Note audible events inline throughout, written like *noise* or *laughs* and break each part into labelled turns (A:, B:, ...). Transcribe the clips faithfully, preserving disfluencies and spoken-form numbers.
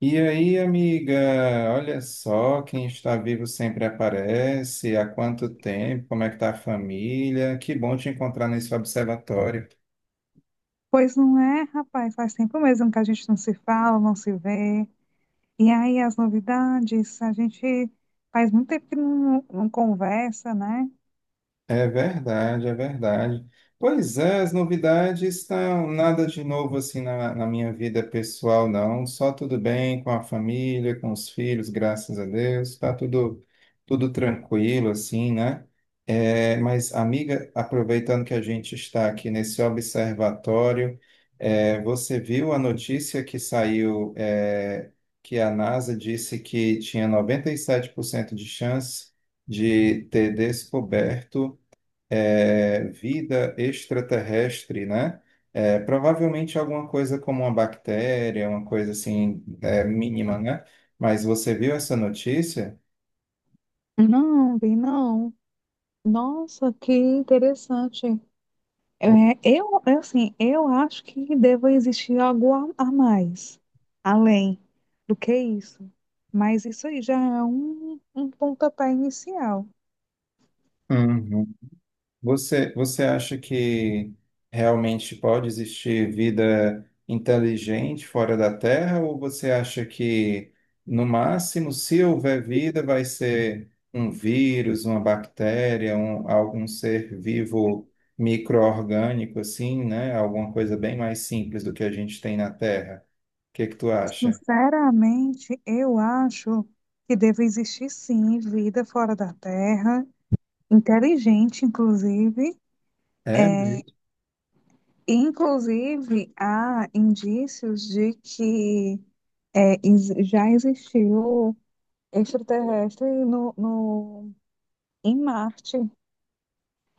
A: E aí, amiga, olha só, quem está vivo sempre aparece. Há quanto tempo? Como é que tá a família? Que bom te encontrar nesse observatório.
B: Pois não é, rapaz, faz tempo mesmo que a gente não se fala, não se vê. E aí as novidades, a gente faz muito tempo que não, não conversa, né?
A: É verdade, é verdade. Pois é, as novidades estão nada de novo assim na, na minha vida pessoal, não. Só tudo bem com a família, com os filhos, graças a Deus. Está tudo, tudo tranquilo, assim, né? É, mas, amiga, aproveitando que a gente está aqui nesse observatório, é, você viu a notícia que saiu, é, que a NASA disse que tinha noventa e sete por cento de chance de ter descoberto é, vida extraterrestre, né? É, provavelmente alguma coisa como uma bactéria, uma coisa assim, é, mínima, né? Mas você viu essa notícia?
B: Não, vi não. Nossa, que interessante. É, eu, eu, assim, eu acho que deva existir algo a, a mais, além do que isso. Mas isso aí já é um, um pontapé inicial.
A: Uhum. Você, você acha que realmente pode existir vida inteligente fora da Terra, ou você acha que, no máximo, se houver vida, vai ser um vírus, uma bactéria, um, algum ser vivo micro-orgânico, assim, né? Alguma coisa bem mais simples do que a gente tem na Terra? O que que tu acha?
B: Sinceramente, eu acho que deve existir sim vida fora da Terra, inteligente, inclusive.
A: É mesmo?
B: Inclusive, há indícios de que é, ex- já existiu extraterrestre no, no- em Marte.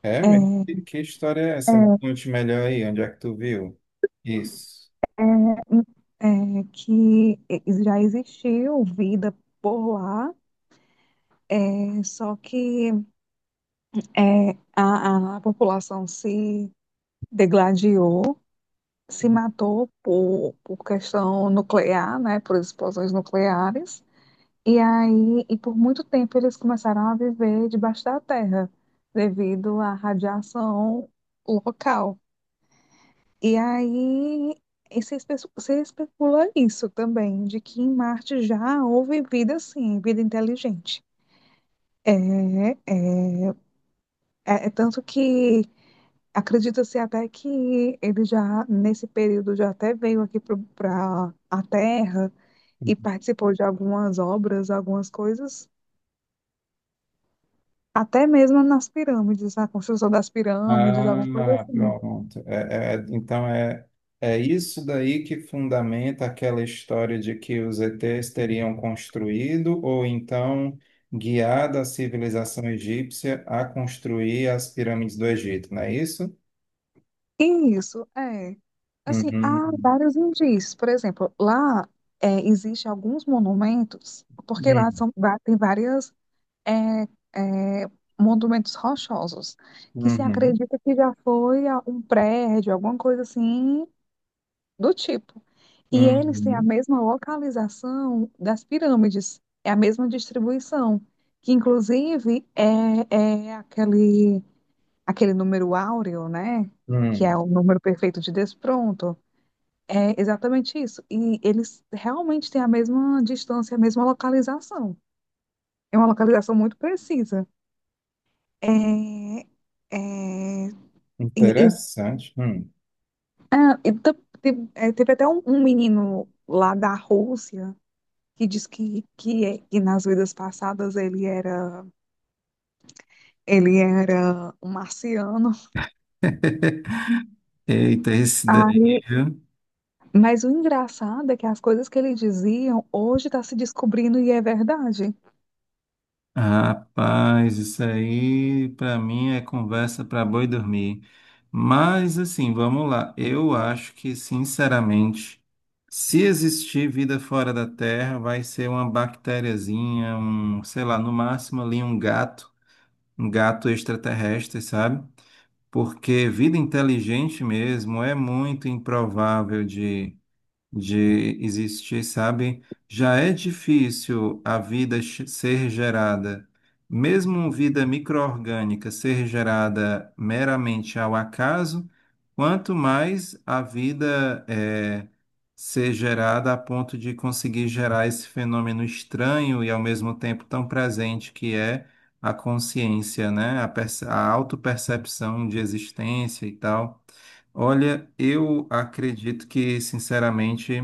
A: É mesmo? Que
B: É,
A: que história é essa? Me conte melhor aí, onde é que tu viu? Isso.
B: é, é que já existiu vida por lá, é, só que é, a a população se degladiou, se matou por, por questão nuclear, né, por explosões nucleares. E aí, e por muito tempo eles começaram a viver debaixo da terra, devido à radiação local. E aí, e se, espe- se especula isso também, de que em Marte já houve vida, sim, vida inteligente. É, é, é, é tanto que acredita-se até que ele já, nesse período, já até veio aqui para a Terra e participou de algumas obras, algumas coisas, até mesmo nas pirâmides, a construção das pirâmides, alguma coisa
A: Ah,
B: assim.
A: pronto. É, é- é- então é, é isso daí que fundamenta aquela história de que os E Ts teriam construído ou então guiado a civilização egípcia a construir as pirâmides do Egito, não é isso?
B: Isso, é. Assim, há
A: Uhum,
B: vários indícios. Por exemplo, lá é, existem alguns monumentos, porque lá
A: uhum,
B: são, va- tem várias é, é, monumentos rochosos, que se
A: uhum,
B: acredita que já foi a- um prédio, alguma coisa assim, do tipo. E eles têm a
A: uhum,
B: mesma localização das pirâmides, é a mesma distribuição, que inclusive é, é aquele, aquele número áureo, né? Que é
A: uhum.
B: o número perfeito de Despronto. É exatamente isso. E eles realmente têm a mesma distância, a mesma localização. É uma localização muito precisa. É, é, e- e-
A: Interessante. Hum.
B: ah, e tam- te- é, teve até um, um menino lá da Rússia que diz que, que, que nas vidas passadas ele era ele era um marciano.
A: *laughs* Eita, esse daí,
B: Aí,
A: viu?
B: mas o engraçado é que as coisas que ele diziam hoje está se descobrindo e é verdade.
A: Rapaz, isso aí para mim é conversa para boi dormir. Mas assim, vamos lá. Eu acho que, sinceramente, se existir vida fora da Terra, vai ser uma bactériazinha, um, sei lá, no máximo ali um gato, um gato extraterrestre, sabe? Porque vida inteligente mesmo é muito improvável de existir, sabe? Já é difícil a vida ch- ser gerada, mesmo vida microorgânica ser gerada meramente ao acaso, quanto mais a vida é, ser gerada a ponto de conseguir gerar esse fenômeno estranho e ao mesmo tempo tão presente que é a consciência, né? A, perce- a autopercepção de existência e tal. Olha, eu acredito que, sinceramente,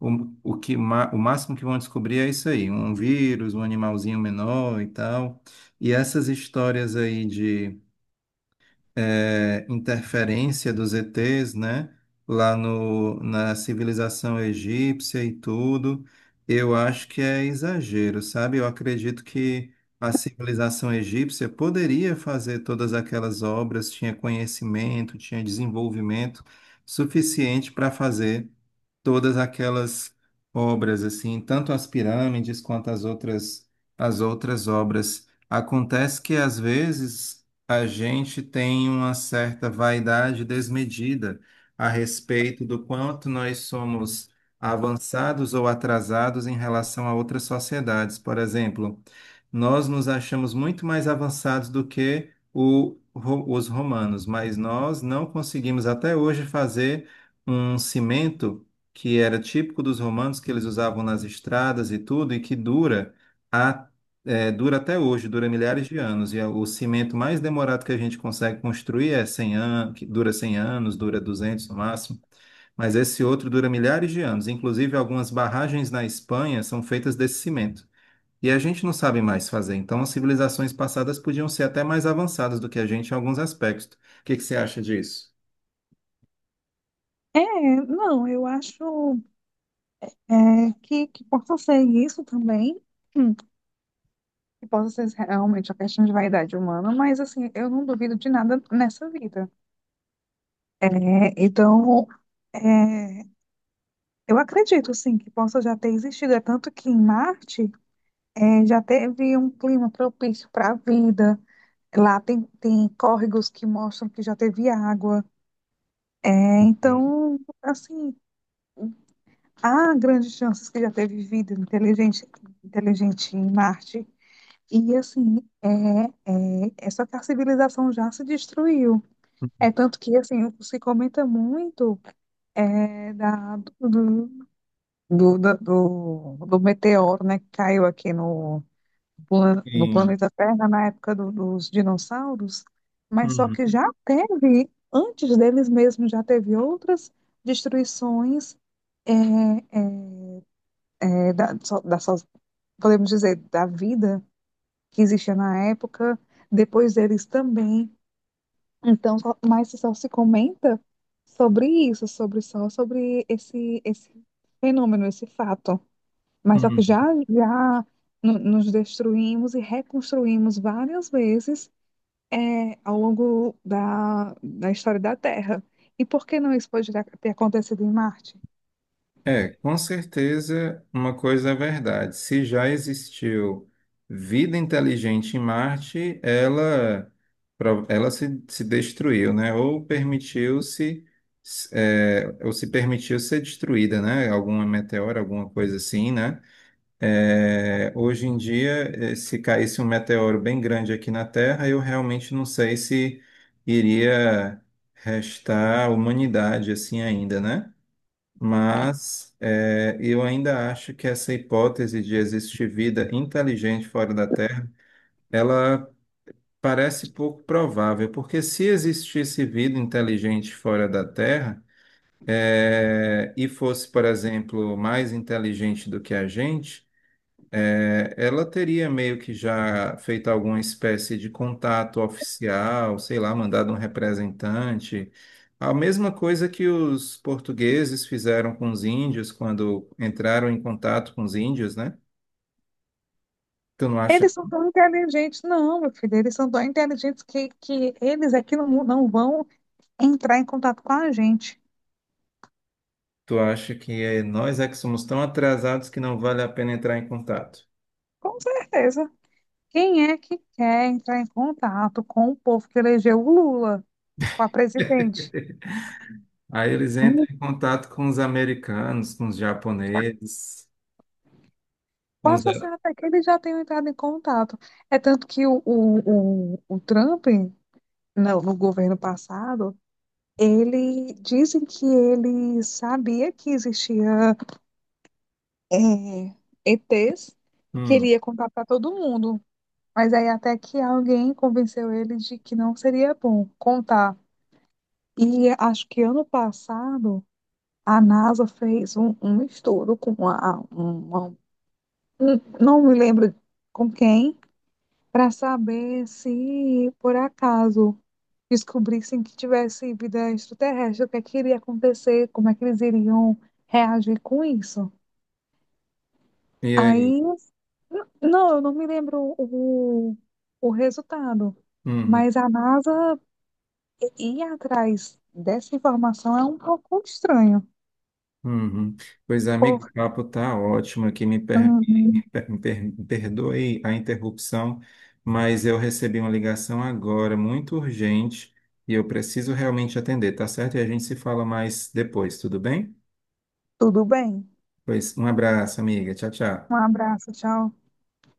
A: o, o que, ma- o máximo que vão descobrir é isso aí, um vírus, um animalzinho menor e tal. E essas histórias aí de é, interferência dos E Ts, né? Lá no, na civilização egípcia e tudo, eu acho que é exagero, sabe? Eu acredito que a civilização egípcia poderia fazer todas aquelas obras, tinha conhecimento, tinha desenvolvimento suficiente para fazer todas aquelas obras assim, tanto as pirâmides quanto as outras as outras obras. Acontece que às vezes a gente tem uma certa vaidade desmedida a respeito do quanto nós somos avançados ou atrasados em relação a outras sociedades. Por exemplo, nós nos achamos muito mais avançados do que o- ro- os romanos, mas nós não conseguimos até hoje fazer um cimento que era típico dos romanos, que eles usavam nas estradas e tudo, e que dura, a, é, dura até hoje, dura milhares de anos. E é o cimento mais demorado que a gente consegue construir é cem anos, que dura cem anos, dura duzentos no máximo, mas esse outro dura milhares de anos. Inclusive, algumas barragens na Espanha são feitas desse cimento. E a gente não sabe mais fazer, então as civilizações passadas podiam ser até mais avançadas do que a gente em alguns aspectos. O que que você acha disso?
B: É, não, eu acho é, que, que possa ser isso também. Hum, que possa ser realmente a questão de vaidade humana, mas assim, eu não duvido de nada nessa vida. É, então, é, eu acredito, sim, que possa já ter existido. É tanto que em Marte, é, já teve um clima propício para a vida. Lá tem, tem córregos que mostram que já teve água. É,
A: Hum.
B: então, assim, há grandes chances que já teve vida inteligente, inteligente em Marte. E, assim, é, é, é só que a civilização já se destruiu. É tanto que, assim, se comenta muito é, da, do, do, do, do do meteoro, né, que caiu aqui no, pla- no
A: Sim.
B: planeta Terra na época do- dos dinossauros, mas só que
A: Uhum.
B: já teve, antes deles mesmos, já teve outras destruições, é, é, da, so- da so- podemos dizer, da vida que existia na época, depois deles também. Então, só- mas só se comenta sobre isso, sobre só sobre esse, esse fenômeno, esse fato. Mas só que
A: Uhum.
B: já, já no- nos destruímos e reconstruímos várias vezes, é, ao longo da, da história da Terra. E por que não isso pode ter acontecido em Marte?
A: É, com certeza uma coisa é verdade. Se já existiu vida inteligente em Marte, ela, pro- ela se, se destruiu, né? Ou permitiu-se, é, ou se permitiu ser destruída, né? Alguma meteora, alguma coisa assim, né? É, hoje em dia, eh, se caísse um meteoro bem grande aqui na Terra, eu realmente não sei se iria restar humanidade assim ainda, né? Mas é, eu ainda acho que essa hipótese de existir vida inteligente fora da Terra, ela parece pouco provável, porque se existisse vida inteligente fora da Terra, é, e fosse, por exemplo, mais inteligente do que a gente, é, ela teria meio que já feito alguma espécie de contato oficial, sei lá, mandado um representante. A mesma coisa que os portugueses fizeram com os índios quando entraram em contato com os índios, né? Tu não acha?
B: Eles são tão inteligentes. Não, meu filho, eles são tão inteligentes que, que eles aqui não, não vão entrar em contato com a gente.
A: Tu acha que é, nós é que somos tão atrasados que não vale a pena entrar em contato?
B: Com certeza. Quem é que quer entrar em contato com o povo que elegeu o Lula para presidente?
A: Aí eles entram
B: Hum,
A: em contato com os americanos, com os japoneses, com os...
B: Passa a ser até que eles já tenham entrado em contato. É tanto que o, o, o, o Trump, no no governo passado, ele dizem que ele sabia que existia é, E Ts e
A: Hum,
B: queria contar para todo mundo. Mas aí até que alguém convenceu ele de que não seria bom contar. E acho que ano passado a NASA fez um, um estudo com uma, uma, um- não me lembro com quem, para saber se por acaso descobrissem que tivesse vida extraterrestre, o que é que iria acontecer, como é que eles iriam reagir com isso.
A: e aí?
B: Aí, n- não, eu não me lembro o, o resultado,
A: Uhum.
B: mas a NASA i- ir atrás dessa informação é um pouco estranho.
A: Uhum. Pois, amigo, o
B: Por...
A: papo tá ótimo aqui. Me, per...
B: Uhum.
A: me per- me per- me perdoe a interrupção, mas eu recebi uma ligação agora, muito urgente, e eu preciso realmente atender, tá certo? E a gente se fala mais depois, tudo bem?
B: Tudo bem.
A: Pois, um abraço, amiga. Tchau, tchau.
B: Um abraço, tchau.